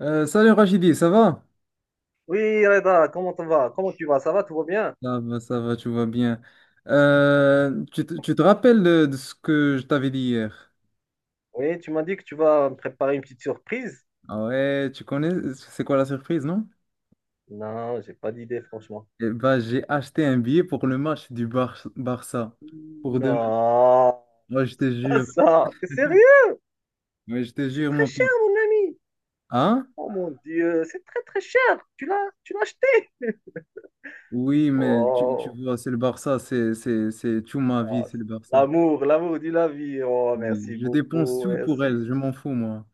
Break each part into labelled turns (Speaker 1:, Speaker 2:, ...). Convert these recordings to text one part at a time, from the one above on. Speaker 1: Salut Rachidi, ça va?
Speaker 2: Oui, Reda, comment tu vas? Comment tu vas? Ça va? Tout va bien?
Speaker 1: Ça va, ça va, tu vas bien. Tu te rappelles de ce que je t'avais dit hier?
Speaker 2: Oui, tu m'as dit que tu vas me préparer une petite surprise.
Speaker 1: Ah ouais, tu connais, c'est quoi la surprise, non?
Speaker 2: Non, j'ai pas d'idée, franchement.
Speaker 1: Eh ben, j'ai acheté un billet pour le match du Barça pour demain.
Speaker 2: Non,
Speaker 1: Moi je te
Speaker 2: pas
Speaker 1: jure.
Speaker 2: ça. T'es sérieux?
Speaker 1: Ouais, je te
Speaker 2: C'est
Speaker 1: jure,
Speaker 2: très
Speaker 1: mon
Speaker 2: cher,
Speaker 1: pote.
Speaker 2: mon ami.
Speaker 1: Hein?
Speaker 2: Oh mon Dieu, c'est très très cher. Tu l'as acheté.
Speaker 1: Oui, mais tu
Speaker 2: Oh,
Speaker 1: vois, c'est le Barça, c'est tout ma vie,
Speaker 2: ah,
Speaker 1: c'est le Barça.
Speaker 2: l'amour, l'amour de la vie. Oh,
Speaker 1: Oui,
Speaker 2: merci
Speaker 1: je dépense
Speaker 2: beaucoup,
Speaker 1: tout pour
Speaker 2: merci.
Speaker 1: elle, je m'en fous, moi.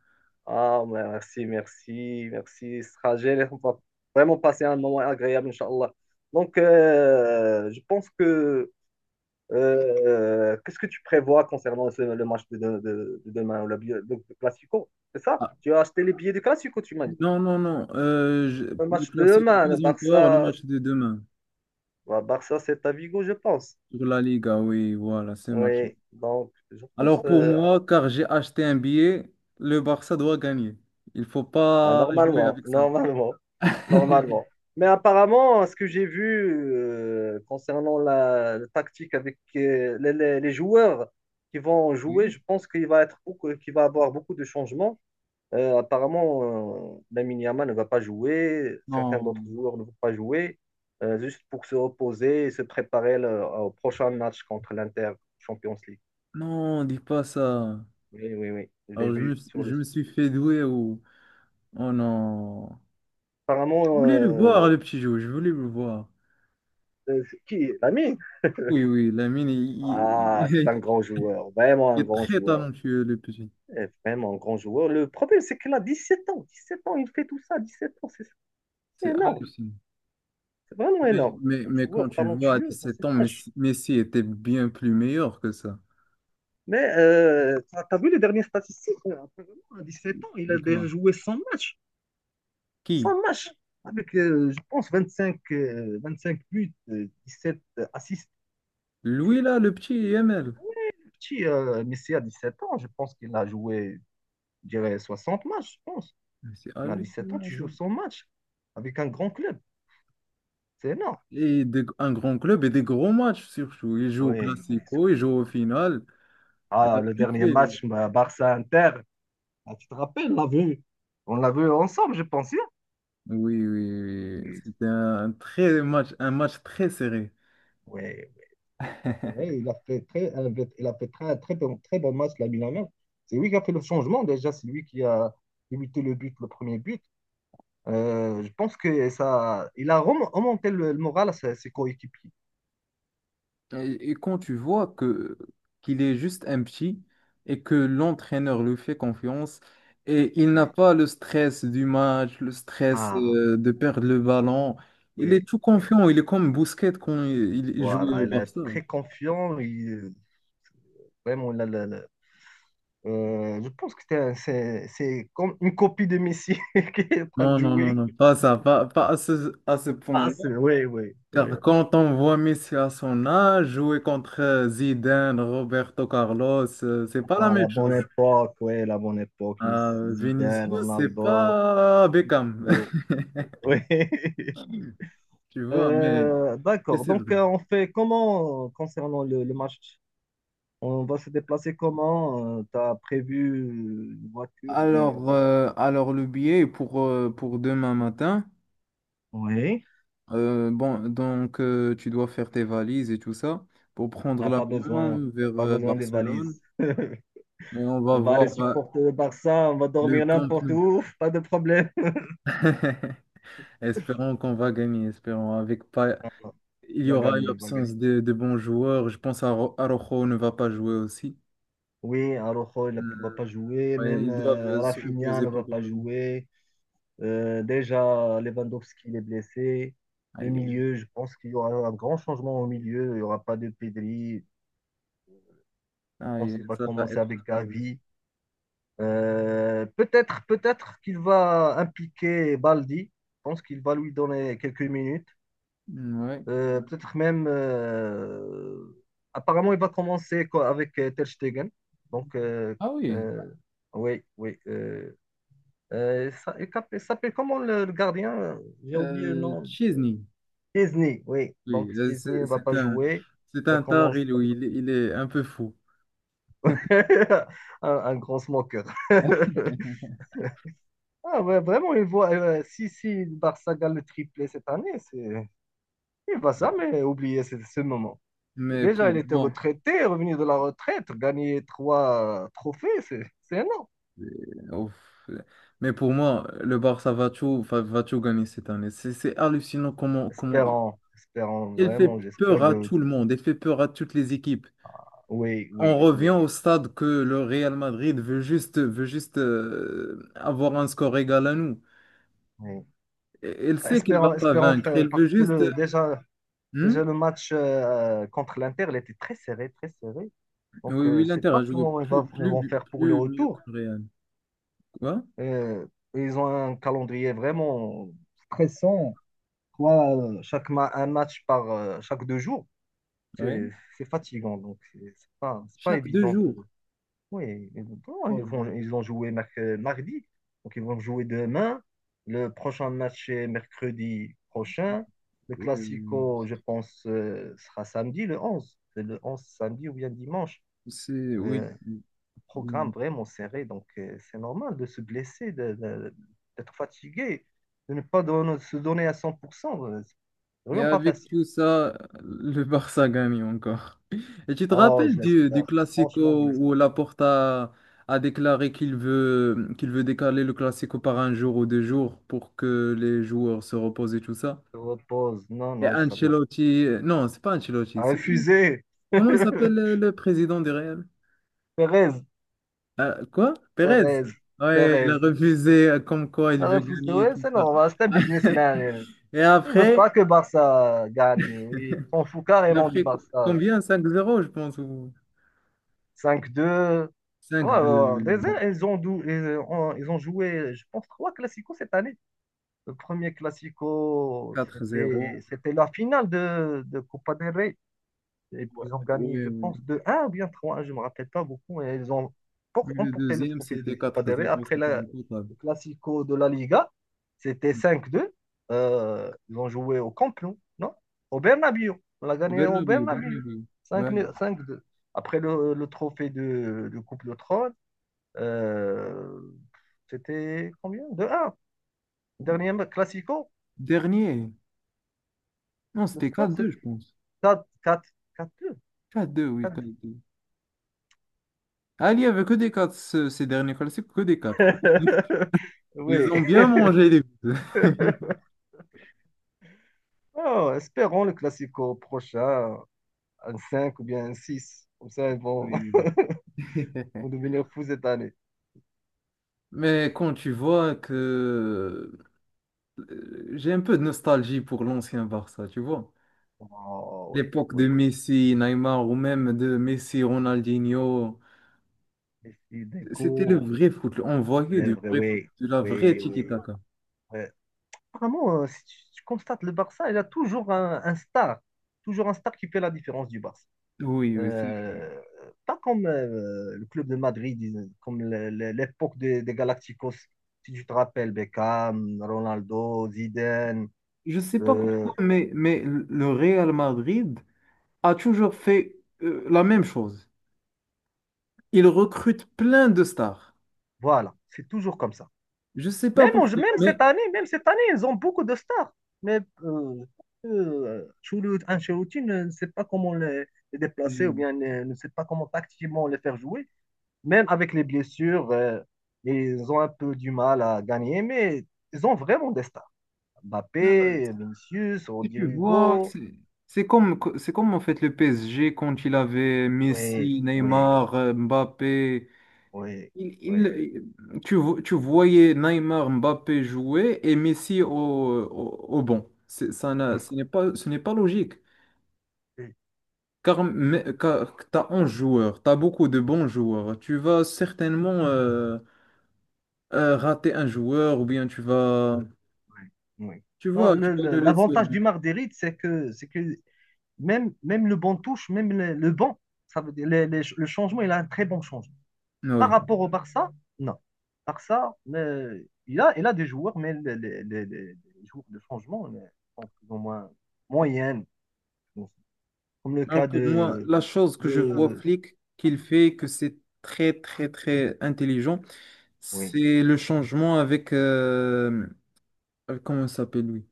Speaker 2: Ah, merci, merci, merci. Ce sera génial. On va vraiment passer un moment agréable, Inch'Allah. Donc, je pense que. Qu'est-ce que tu prévois concernant le match de demain, ou le Classico? C'est ça?
Speaker 1: Ah,
Speaker 2: Tu as acheté les billets du Classico, tu m'as dit.
Speaker 1: non, non, non.
Speaker 2: Le
Speaker 1: Le
Speaker 2: match de
Speaker 1: classique,
Speaker 2: demain, le
Speaker 1: pas encore, le
Speaker 2: Barça,
Speaker 1: match de demain.
Speaker 2: bah, Barça, c'est à Vigo, je pense.
Speaker 1: Sur la Liga, oui, voilà, c'est match.
Speaker 2: Oui, donc je pense
Speaker 1: Alors pour moi, car j'ai acheté un billet, le Barça doit gagner. Il faut
Speaker 2: ah,
Speaker 1: pas jouer
Speaker 2: normalement,
Speaker 1: avec ça.
Speaker 2: normalement, normalement. Mais apparemment, ce que j'ai vu concernant la tactique avec les joueurs qui vont jouer,
Speaker 1: Oui?
Speaker 2: je pense qu'il va être beaucoup, qu'il va avoir beaucoup de changements. Apparemment, Lamine Yamal ne va pas jouer, certains d'autres
Speaker 1: Non,
Speaker 2: joueurs ne vont pas jouer, juste pour se reposer et se préparer au prochain match contre l'Inter Champions League.
Speaker 1: non, dis pas ça.
Speaker 2: Oui, oui, oui, je l'ai
Speaker 1: Alors je me,
Speaker 2: vu sur
Speaker 1: je
Speaker 2: le.
Speaker 1: me suis fait douer ou... Oh non.
Speaker 2: Apparemment,
Speaker 1: Je voulais le voir, le petit jeu, je voulais le voir.
Speaker 2: c'est qui? Lamine?
Speaker 1: Oui, oui, Lamine,
Speaker 2: Ah, c'est un
Speaker 1: il-
Speaker 2: grand joueur, vraiment un
Speaker 1: il est
Speaker 2: grand
Speaker 1: très
Speaker 2: joueur,
Speaker 1: talentueux, le petit.
Speaker 2: eh, vraiment un grand joueur. Le problème, c'est qu'il a 17 ans, 17 ans, il fait tout ça, 17 ans, c'est
Speaker 1: C'est
Speaker 2: énorme,
Speaker 1: hallucinant.
Speaker 2: c'est vraiment
Speaker 1: Mais,
Speaker 2: énorme.
Speaker 1: mais,
Speaker 2: Un
Speaker 1: mais quand
Speaker 2: joueur
Speaker 1: tu vois à
Speaker 2: talentueux dans
Speaker 1: 17
Speaker 2: cet
Speaker 1: ans,
Speaker 2: âge.
Speaker 1: Messi était bien plus meilleur que ça.
Speaker 2: Mais t'as vu les dernières statistiques? Apparemment, à 17 ans, il
Speaker 1: De
Speaker 2: a
Speaker 1: quoi?
Speaker 2: déjà joué 100 matchs.
Speaker 1: Qui?
Speaker 2: 100 matchs. Avec, je pense, 25 5 buts, 7 assists.
Speaker 1: Lui, là, le petit YML.
Speaker 2: Petit, Messi à 17 ans, je pense qu'il a joué, je dirais, 60 matchs, je pense.
Speaker 1: Mais c'est
Speaker 2: Mais à 7 ans,
Speaker 1: hallucinant,
Speaker 2: tu
Speaker 1: ça.
Speaker 2: joues 100 matchs avec un grand club. C'est énorme.
Speaker 1: Et un grand club et des gros matchs, surtout. Il joue au
Speaker 2: Oui, oui,
Speaker 1: Classico, il joue
Speaker 2: surtout.
Speaker 1: au final. Il a
Speaker 2: Ah, le
Speaker 1: tout
Speaker 2: dernier
Speaker 1: fait, lui.
Speaker 2: match, bah, Barça-Inter. Ah, tu te rappelles, on l'a vu. On l'a vu ensemble, je pense, hein?
Speaker 1: Oui, oui, oui. Oui.
Speaker 2: Oui,
Speaker 1: C'était un très match, un match très serré.
Speaker 2: oui. C'est vrai, il a fait très, il a fait très, très bon match, la Yamal. C'est lui qui a fait le changement déjà, c'est lui qui a limité le but, le premier but. Je pense que ça, il a remonté le moral à ses coéquipiers.
Speaker 1: Et quand tu vois que qu'il est juste un petit et que l'entraîneur lui fait confiance et il n'a
Speaker 2: Oui.
Speaker 1: pas le stress du match, le stress
Speaker 2: Ah,
Speaker 1: de perdre le ballon, il
Speaker 2: oui,
Speaker 1: est tout
Speaker 2: oui.
Speaker 1: confiant, il est comme Busquets quand il jouait
Speaker 2: Voilà,
Speaker 1: au
Speaker 2: il est
Speaker 1: Barça.
Speaker 2: très confiant. Vraiment, il a je pense que c'est comme une copie de Messi qui est en train de
Speaker 1: Non, non, non,
Speaker 2: jouer.
Speaker 1: non, pas ça, pas à ce
Speaker 2: Ah,
Speaker 1: point-là.
Speaker 2: c'est, oui, oui, oui.
Speaker 1: Car quand on voit Messi à son âge jouer contre Zidane, Roberto Carlos, c'est pas la
Speaker 2: Ah, la
Speaker 1: même
Speaker 2: bonne
Speaker 1: chose.
Speaker 2: époque, oui, la bonne époque, Messi Zidane,
Speaker 1: Vinicius, c'est
Speaker 2: Ronaldo.
Speaker 1: pas Beckham,
Speaker 2: Oh, oui.
Speaker 1: tu vois, mais, mais
Speaker 2: D'accord.
Speaker 1: c'est
Speaker 2: Donc,
Speaker 1: vrai.
Speaker 2: on fait comment concernant le match? On va se déplacer comment? Tu as prévu une voiture ou bien
Speaker 1: Alors,
Speaker 2: quoi?
Speaker 1: euh, alors le billet pour demain matin,
Speaker 2: Oui.
Speaker 1: bon, donc tu dois faire tes valises et tout ça pour prendre
Speaker 2: Ah, pas besoin.
Speaker 1: l'avion vers
Speaker 2: Pas besoin des valises.
Speaker 1: Barcelone. Et on va
Speaker 2: On va aller
Speaker 1: voir
Speaker 2: supporter le Barça. On va
Speaker 1: le
Speaker 2: dormir
Speaker 1: Camp
Speaker 2: n'importe
Speaker 1: Nou.
Speaker 2: où. Pas de problème.
Speaker 1: Espérons qu'on va gagner, espérons. Avec pas... Il
Speaker 2: On
Speaker 1: y
Speaker 2: va
Speaker 1: aura une
Speaker 2: gagner. On va gagner.
Speaker 1: absence de bons joueurs. Je pense à Araujo ne va pas jouer aussi.
Speaker 2: Oui, Araujo, il ne va pas
Speaker 1: Euh,
Speaker 2: jouer.
Speaker 1: ouais,
Speaker 2: Même
Speaker 1: ils doivent se
Speaker 2: Rafinha
Speaker 1: reposer
Speaker 2: ne
Speaker 1: pour...
Speaker 2: va pas jouer. Déjà, Lewandowski, il est blessé. Le
Speaker 1: Aïe,
Speaker 2: milieu, je pense qu'il y aura un grand changement au milieu. Il n'y aura pas de Pedri. Je
Speaker 1: aïe,
Speaker 2: pense
Speaker 1: aïe,
Speaker 2: qu'il va
Speaker 1: ça va
Speaker 2: commencer
Speaker 1: être...
Speaker 2: avec
Speaker 1: euh,
Speaker 2: Gavi. Peut-être, peut-être qu'il va impliquer Baldi. Je pense qu'il va lui donner quelques minutes.
Speaker 1: Ouais.
Speaker 2: Peut-être même. Apparemment, il va commencer avec Ter Stegen. Donc,
Speaker 1: Ah oui,
Speaker 2: euh, oui, oui. Il s'appelle comment le gardien? J'ai oublié le nom.
Speaker 1: Chesney.
Speaker 2: Chesney, oui.
Speaker 1: Oui,
Speaker 2: Donc,
Speaker 1: là,
Speaker 2: Chesney
Speaker 1: c'est
Speaker 2: ne va
Speaker 1: c'est
Speaker 2: pas
Speaker 1: un,
Speaker 2: jouer.
Speaker 1: c'est
Speaker 2: Va
Speaker 1: un tard,
Speaker 2: commencer
Speaker 1: il,
Speaker 2: avec
Speaker 1: il est il est un peu fou.
Speaker 2: un grand smoker. Ah, ouais, vraiment, il voit, si le Barça gagne le triplé cette année, c'est, il va jamais oublier ce moment.
Speaker 1: Mais
Speaker 2: Déjà, il
Speaker 1: pour
Speaker 2: était
Speaker 1: moi,
Speaker 2: retraité, revenu de la retraite, gagner trois trophées, c'est, énorme.
Speaker 1: ouf. Mais pour moi, le Barça va tout gagner cette année. C'est hallucinant comment
Speaker 2: Espérons, espérons,
Speaker 1: elle
Speaker 2: vraiment,
Speaker 1: fait peur
Speaker 2: j'espère
Speaker 1: à
Speaker 2: de.
Speaker 1: tout le monde, elle fait peur à toutes les équipes.
Speaker 2: Oui,
Speaker 1: On
Speaker 2: oui,
Speaker 1: revient
Speaker 2: oui.
Speaker 1: au stade que le Real Madrid veut juste avoir un score égal à nous.
Speaker 2: Oui.
Speaker 1: Elle sait qu'elle va
Speaker 2: Espérons,
Speaker 1: pas
Speaker 2: espérons,
Speaker 1: vaincre,
Speaker 2: frère,
Speaker 1: elle
Speaker 2: parce
Speaker 1: veut
Speaker 2: que
Speaker 1: juste...
Speaker 2: le, déjà,
Speaker 1: Hmm.
Speaker 2: déjà, le match contre l'Inter, il était très serré, très serré. Donc,
Speaker 1: Oui,
Speaker 2: je
Speaker 1: oui,
Speaker 2: ne sais
Speaker 1: l'Inter a
Speaker 2: pas
Speaker 1: joué
Speaker 2: comment
Speaker 1: plus,
Speaker 2: ils vont
Speaker 1: plus,
Speaker 2: faire pour le
Speaker 1: plus mieux que
Speaker 2: retour.
Speaker 1: le Real. Quoi?
Speaker 2: Euh, ils ont un calendrier vraiment stressant. Trois, un match par chaque 2 jours,
Speaker 1: Oui.
Speaker 2: c'est c'est fatigant. Donc, c'est pas, c'est pas
Speaker 1: Chaque deux
Speaker 2: évident
Speaker 1: jours.
Speaker 2: pour. Oui, exactement. Ils vont,
Speaker 1: Oh,
Speaker 2: ils ont joué mardi, donc ils vont jouer demain. Le prochain match est mercredi prochain. Le
Speaker 1: ouais, ouais,
Speaker 2: Classico, je pense, sera samedi, le 11. C'est le 11 samedi ou bien dimanche.
Speaker 1: c'est... Oui.
Speaker 2: Euh, programme
Speaker 1: Oui.
Speaker 2: vraiment serré, donc c'est normal de se blesser, d'être fatigué, de ne pas se donner à 100%. C'est
Speaker 1: Et
Speaker 2: vraiment pas
Speaker 1: avec
Speaker 2: facile.
Speaker 1: tout ça, le Barça gagne encore. Et tu te
Speaker 2: Oh,
Speaker 1: rappelles
Speaker 2: je
Speaker 1: du
Speaker 2: l'espère. Franchement, je
Speaker 1: Classico où
Speaker 2: l'espère.
Speaker 1: Laporta a déclaré qu'il veut décaler le Classico par un jour ou deux jours pour que les joueurs se reposent et tout ça?
Speaker 2: Je repose. Non,
Speaker 1: Et
Speaker 2: non, je savais pas.
Speaker 1: Ancelotti, non, c'est pas Ancelotti,
Speaker 2: À
Speaker 1: c'est qui?
Speaker 2: refuser.
Speaker 1: Comment s'appelle le, le président du Real?
Speaker 2: Perez,
Speaker 1: Quoi? Pérez?
Speaker 2: Perez,
Speaker 1: Ouais, il a
Speaker 2: Perez.
Speaker 1: refusé comme quoi il
Speaker 2: La
Speaker 1: veut
Speaker 2: refuse de,
Speaker 1: gagner et
Speaker 2: ouais,
Speaker 1: tout
Speaker 2: c'est
Speaker 1: ça.
Speaker 2: normal, c'est un businessman. Elle.
Speaker 1: Et
Speaker 2: Il veut
Speaker 1: après,
Speaker 2: pas que Barça gagne. Oui, s'en fout
Speaker 1: et
Speaker 2: carrément du
Speaker 1: après
Speaker 2: Barça.
Speaker 1: combien? 5-0, je pense.
Speaker 2: 5-2.
Speaker 1: Cinq
Speaker 2: Ouais, ouais, ouais.
Speaker 1: 2
Speaker 2: Déjà, Ils ont, dou- ils ont joué, je pense, trois classicos cette année. Le premier classico,
Speaker 1: quatre
Speaker 2: c'était
Speaker 1: zéro
Speaker 2: c'était la finale de Copa del Rey. Et
Speaker 1: Ouais,
Speaker 2: puis ils ont gagné,
Speaker 1: ouais.
Speaker 2: je
Speaker 1: Ouais.
Speaker 2: pense, de un ou bien 3 je ne me rappelle pas beaucoup. Et ils ont
Speaker 1: Mais le
Speaker 2: emporté le
Speaker 1: deuxième,
Speaker 2: trophée de
Speaker 1: c'était
Speaker 2: Copa
Speaker 1: quatre
Speaker 2: del Rey.
Speaker 1: zéro
Speaker 2: Après
Speaker 1: c'était le total.
Speaker 2: le Classico de la Liga, c'était
Speaker 1: Ouais.
Speaker 2: 5-2. Ils ont joué au Camp Nou, non? Au Bernabéu. On l'a
Speaker 1: Au
Speaker 2: gagné au
Speaker 1: Bernabéu, au
Speaker 2: Bernabéu.
Speaker 1: Bernabéu.
Speaker 2: cinq
Speaker 1: Ouais.
Speaker 2: 2 5-2. Après le trophée de Coupe de Trône, euh, c'était combien? 2 un. Dernier Classico,
Speaker 1: Dernier. Non,
Speaker 2: le
Speaker 1: c'était quatre
Speaker 2: score, c'est
Speaker 1: deux je pense.
Speaker 2: quatre quatre quatre 2.
Speaker 1: 4-2, oui, 4-2. Ah, il n'y avait que des 4 ces derniers classiques, que des quatre. Ils
Speaker 2: Oui,
Speaker 1: ont bien mangé les buts.
Speaker 2: ah, espérons le classico prochain, 1-5 ou bien 1-6, comme ça, ils vont,
Speaker 1: Oui, oui.
Speaker 2: vont devenir fous cette année.
Speaker 1: Mais quand tu vois que j'ai un peu de nostalgie pour l'ancien Barça, tu vois.
Speaker 2: Oh, oui,
Speaker 1: L'époque de
Speaker 2: oui.
Speaker 1: Messi, Neymar ou même de Messi, Ronaldinho.
Speaker 2: Et si
Speaker 1: C'était le
Speaker 2: découvre
Speaker 1: vrai foot. On voyait
Speaker 2: les
Speaker 1: du
Speaker 2: vrais,
Speaker 1: vrai foot,
Speaker 2: oui,
Speaker 1: de la vraie
Speaker 2: oui, oui.
Speaker 1: tiki-taka.
Speaker 2: Ouais. Vraiment, si tu constates, le Barça, il a toujours un, star. Toujours un star qui fait la différence du Barça.
Speaker 1: Oui, oui,
Speaker 2: Euh, pas comme le club de Madrid, comme l'époque des Galacticos. Si tu te rappelles, Beckham, Ronaldo, Zidane,
Speaker 1: je sais pas
Speaker 2: euh,
Speaker 1: pourquoi, mais le Real Madrid a toujours fait la même chose. Il recrute plein de stars.
Speaker 2: voilà, c'est toujours comme ça.
Speaker 1: Je sais pas
Speaker 2: Même,
Speaker 1: pourquoi, mais
Speaker 2: même cette année, ils ont beaucoup de stars. Mais Ancelotti ne sait pas comment les déplacer ou
Speaker 1: Je-
Speaker 2: bien ne sait pas comment tactiquement les faire jouer. Même avec les blessures, ils ont un peu du mal à gagner, mais ils ont vraiment des stars. Mbappé, Vinicius,
Speaker 1: si tu
Speaker 2: Rodrigo
Speaker 1: vois,
Speaker 2: Hugo.
Speaker 1: c'est comme, c'est comme en fait le PSG quand il avait
Speaker 2: Oui,
Speaker 1: Messi,
Speaker 2: oui,
Speaker 1: Neymar, Mbappé.
Speaker 2: oui, oui,
Speaker 1: Tu voyais Neymar, Mbappé jouer et Messi au banc. C'est- Ça n'a- ce n'est pas logique.
Speaker 2: oui,
Speaker 1: Car tu as 11 joueurs, tu as beaucoup de bons joueurs. Tu vas certainement rater un joueur ou bien tu vas,
Speaker 2: oui.
Speaker 1: tu
Speaker 2: Non,
Speaker 1: vois, tu vas le laisser.
Speaker 2: l'avantage du Marguerite, c'est que même le banc touche, même le banc, ça veut dire, le changement, il a un très bon changement. Par
Speaker 1: Oui.
Speaker 2: rapport au Barça, non. Barça, il a des joueurs, mais joueurs de changement sont plus ou moins moyennes. Donc, comme le
Speaker 1: Alors
Speaker 2: cas
Speaker 1: pour moi,
Speaker 2: de...
Speaker 1: la chose que je vois
Speaker 2: de
Speaker 1: Flick qu'il fait, que c'est très, très, très intelligent,
Speaker 2: oui.
Speaker 1: c'est le changement avec, comment il s'appelle lui?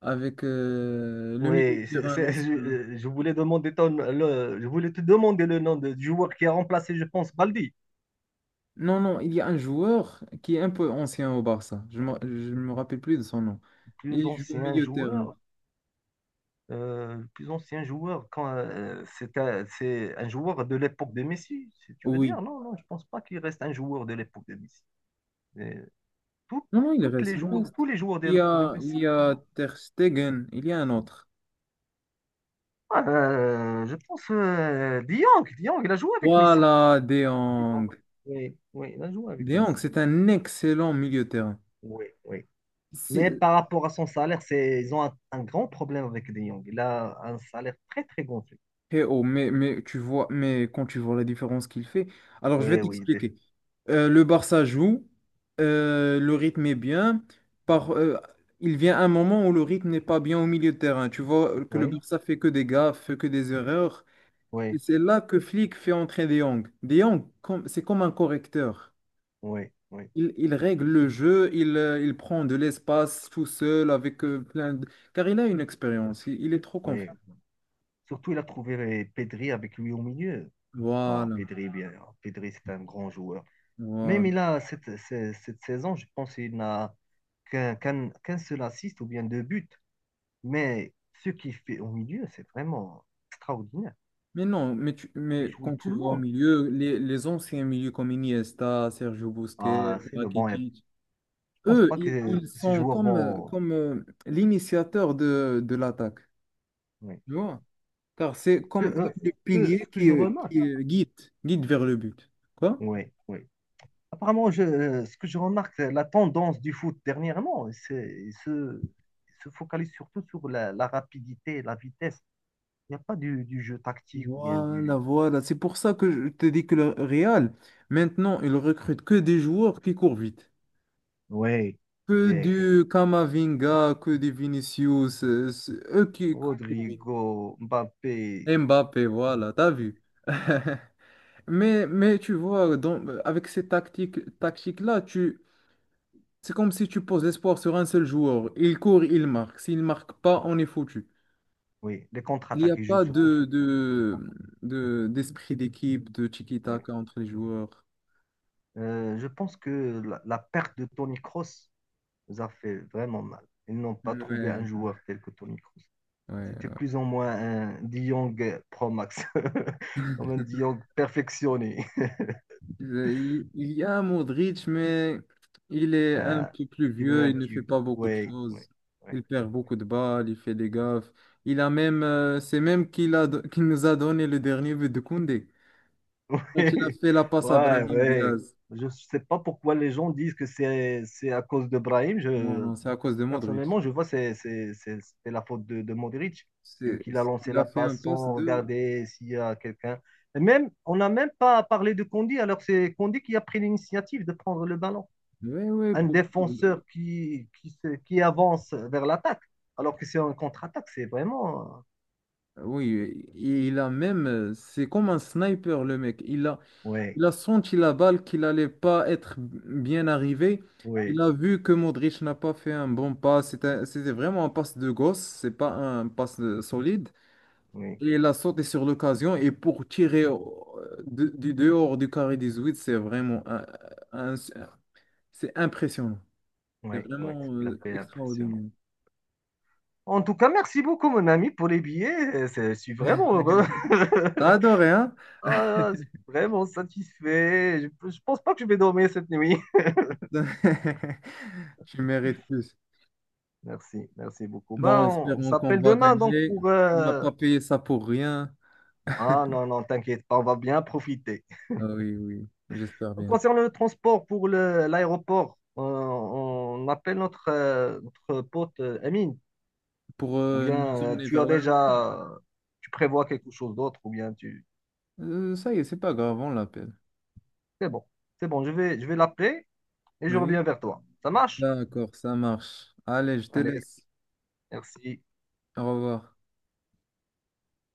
Speaker 1: Avec le milieu de
Speaker 2: Oui,
Speaker 1: terrain
Speaker 2: je,
Speaker 1: l'ancien.
Speaker 2: euh, je voulais demander le, je voulais te demander le nom du joueur qui a remplacé, je pense, Baldi.
Speaker 1: Non, non, il y a un joueur qui est un peu ancien au Barça. Je ne me rappelle plus de son nom.
Speaker 2: Plus
Speaker 1: Il joue au
Speaker 2: ancien
Speaker 1: milieu de terrain.
Speaker 2: joueur. Le plus ancien joueur, quand c'est un joueur de l'époque de Messi, si tu veux
Speaker 1: Oui.
Speaker 2: dire. Non, non, je pense pas qu'il reste un joueur de l'époque de Messi. Mais tout-
Speaker 1: Non, non, il
Speaker 2: toutes
Speaker 1: reste,
Speaker 2: les
Speaker 1: il
Speaker 2: joueurs, tous
Speaker 1: reste.
Speaker 2: les joueurs de
Speaker 1: Il y
Speaker 2: l'époque de
Speaker 1: a, il
Speaker 2: Messi.
Speaker 1: y a Ter Stegen, il y a un autre.
Speaker 2: Je pense De Jong, De Jong, il a joué avec Messi.
Speaker 1: Voilà, De
Speaker 2: De Jong.
Speaker 1: Jong.
Speaker 2: Oui, oui, il a joué avec
Speaker 1: De Jong,
Speaker 2: Messi.
Speaker 1: c'est un excellent milieu de terrain.
Speaker 2: Oui, oui. Mais
Speaker 1: Si-
Speaker 2: par rapport à son salaire, c'est, ils ont un grand problème avec De Jong. Il a un salaire très, très gonflé.
Speaker 1: Eh oh, mais tu vois, mais quand tu vois la différence qu'il fait, alors je vais
Speaker 2: Oui, oui,
Speaker 1: t'expliquer. Le Barça joue, le rythme est bien. Par, euh, il vient un moment où le rythme n'est pas bien au milieu de terrain. Tu vois que le
Speaker 2: oui,
Speaker 1: Barça fait que des gaffes, fait que des erreurs. Et
Speaker 2: oui,
Speaker 1: c'est là que Flick fait entrer De Jong. De Jong, c'est comme un correcteur.
Speaker 2: oui, oui,
Speaker 1: Il règle le jeu, il prend de l'espace tout seul avec plein de... Car il a une expérience, il est trop
Speaker 2: oui.
Speaker 1: confiant.
Speaker 2: Surtout, il a trouvé Pedri avec lui au milieu. Ah,
Speaker 1: Voilà,
Speaker 2: Pedri, bien. Pedri, c'est un grand joueur.
Speaker 1: voilà.
Speaker 2: Même il a cette saison, je pense qu'il n'a qu'un seul assist ou bien deux buts. Mais ce qu'il fait au milieu, c'est vraiment extraordinaire.
Speaker 1: Mais non, mais, tu-
Speaker 2: Il fait
Speaker 1: mais
Speaker 2: jouer
Speaker 1: quand tu
Speaker 2: tout le
Speaker 1: vas au
Speaker 2: monde.
Speaker 1: milieu, les anciens milieux comme Iniesta, Sergio Busquets,
Speaker 2: Ah, c'est le bon. Et je
Speaker 1: Rakitic,
Speaker 2: pense
Speaker 1: eux,
Speaker 2: pas
Speaker 1: ils,
Speaker 2: que
Speaker 1: ils
Speaker 2: ces
Speaker 1: sont
Speaker 2: joueurs
Speaker 1: comme, euh,
Speaker 2: vont.
Speaker 1: comme euh, l'initiateur de l'attaque,
Speaker 2: Oui.
Speaker 1: tu vois? Car c'est
Speaker 2: Que,
Speaker 1: comme eux
Speaker 2: euh,
Speaker 1: le
Speaker 2: que-
Speaker 1: pilier
Speaker 2: ce que
Speaker 1: qui,
Speaker 2: je
Speaker 1: euh,
Speaker 2: remarque,
Speaker 1: qui euh, guide, guide vers le but. Quoi?
Speaker 2: oui, oui. Apparemment, ce que je remarque, la tendance du foot dernièrement, c'est, il se focalise surtout sur la rapidité la vitesse. Il n'y a pas du jeu tactique ou bien
Speaker 1: Voilà,
Speaker 2: du.
Speaker 1: voilà. C'est pour ça que je te dis que le Real, maintenant, il recrute que des joueurs qui courent vite.
Speaker 2: Oui,
Speaker 1: Que
Speaker 2: et
Speaker 1: du Kamavinga, que des Vinicius, c'est eux qui... courent.
Speaker 2: Rodrigo, Mbappé,
Speaker 1: Mbappé, voilà, t'as vu. Mais tu vois, avec ces tactiques-là, c'est comme si tu poses l'espoir sur un seul joueur. Il court, il marque. S'il ne marque pas, on est foutu.
Speaker 2: oui, les
Speaker 1: Il n'y
Speaker 2: contre-attaques,
Speaker 1: a
Speaker 2: ils jouent
Speaker 1: pas
Speaker 2: surtout sur les contre
Speaker 1: d'esprit d'équipe, de
Speaker 2: ouais.
Speaker 1: tiki-taka entre les joueurs.
Speaker 2: Je pense que la perte de Toni Kroos nous a fait vraiment mal. Ils n'ont pas trouvé
Speaker 1: Ouais,
Speaker 2: un joueur tel que Toni Kroos. C'était
Speaker 1: ouais.
Speaker 2: plus ou moins un De Jong Pro Max, comme un De Jong perfectionné.
Speaker 1: Il y a Modric, mais il est un
Speaker 2: Euh,
Speaker 1: peu plus
Speaker 2: c'est devenu
Speaker 1: vieux,
Speaker 2: un
Speaker 1: il ne
Speaker 2: petit.
Speaker 1: fait pas beaucoup de
Speaker 2: Ouais, ouais,
Speaker 1: choses.
Speaker 2: ouais.
Speaker 1: Il perd beaucoup de balles, il fait des gaffes. Il a même, c'est même qu'il nous a donné le dernier but de Koundé. Quand il a fait la passe à
Speaker 2: Ouais,
Speaker 1: Brahim
Speaker 2: ouais.
Speaker 1: Diaz.
Speaker 2: Je ne sais pas pourquoi les gens disent que c'est à cause de Brahim.
Speaker 1: Non,
Speaker 2: Je,
Speaker 1: non, c'est à cause de Modric.
Speaker 2: personnellement, je vois que c'est la faute de Modric. J'ai vu qu'il a lancé
Speaker 1: Il a
Speaker 2: la
Speaker 1: fait un
Speaker 2: passe
Speaker 1: passe
Speaker 2: sans
Speaker 1: de...
Speaker 2: regarder s'il y a quelqu'un. Et même, on n'a même pas parlé de Kondi, alors c'est Kondi qui a pris l'initiative de prendre le ballon.
Speaker 1: Oui, oui,
Speaker 2: Un défenseur qui, qui avance vers l'attaque, alors que c'est un contre-attaque, c'est vraiment.
Speaker 1: oui, il a même... C'est comme un sniper, le mec.
Speaker 2: Oui,
Speaker 1: Il a senti la balle qu'il allait pas être bien arrivé. Il
Speaker 2: oui,
Speaker 1: a vu que Modric n'a pas fait un bon pas. C'était vraiment un passe de gosse, c'est pas un passe solide.
Speaker 2: oui,
Speaker 1: Et il a sauté sur l'occasion. Et pour tirer du dehors du carré 18, c'est vraiment un- c'est impressionnant.
Speaker 2: oui,
Speaker 1: C'est
Speaker 2: oui, ce
Speaker 1: vraiment
Speaker 2: qu'il a fait impressionnant.
Speaker 1: extraordinaire.
Speaker 2: En tout cas, merci beaucoup, mon ami, pour les billets. Je suis vraiment heureux.
Speaker 1: T'as adoré, hein?
Speaker 2: Ah, je suis vraiment satisfait. Je pense pas que je vais dormir cette nuit.
Speaker 1: Tu mérites plus.
Speaker 2: Merci, merci beaucoup. Ben,
Speaker 1: Bon,
Speaker 2: on
Speaker 1: espérons qu'on
Speaker 2: s'appelle
Speaker 1: va
Speaker 2: demain, donc,
Speaker 1: gagner.
Speaker 2: pour.
Speaker 1: On n'a pas payé ça pour rien.
Speaker 2: Ah non, non, t'inquiète pas, on va bien profiter.
Speaker 1: Ah oui, oui, j'espère bien.
Speaker 2: Concernant le transport pour l'aéroport, on appelle notre pote Amine,
Speaker 1: Pour
Speaker 2: ou bien
Speaker 1: nous emmener
Speaker 2: tu
Speaker 1: vers
Speaker 2: as
Speaker 1: l'aéroport.
Speaker 2: déjà, tu prévois quelque chose d'autre, ou bien tu.
Speaker 1: Ça y est, c'est pas grave, on l'appelle.
Speaker 2: C'est bon, c'est bon, je vais l'appeler et je
Speaker 1: Oui,
Speaker 2: reviens vers toi. Ça marche?
Speaker 1: d'accord, ça marche. Allez, je te
Speaker 2: Allez,
Speaker 1: laisse.
Speaker 2: merci.
Speaker 1: Au revoir.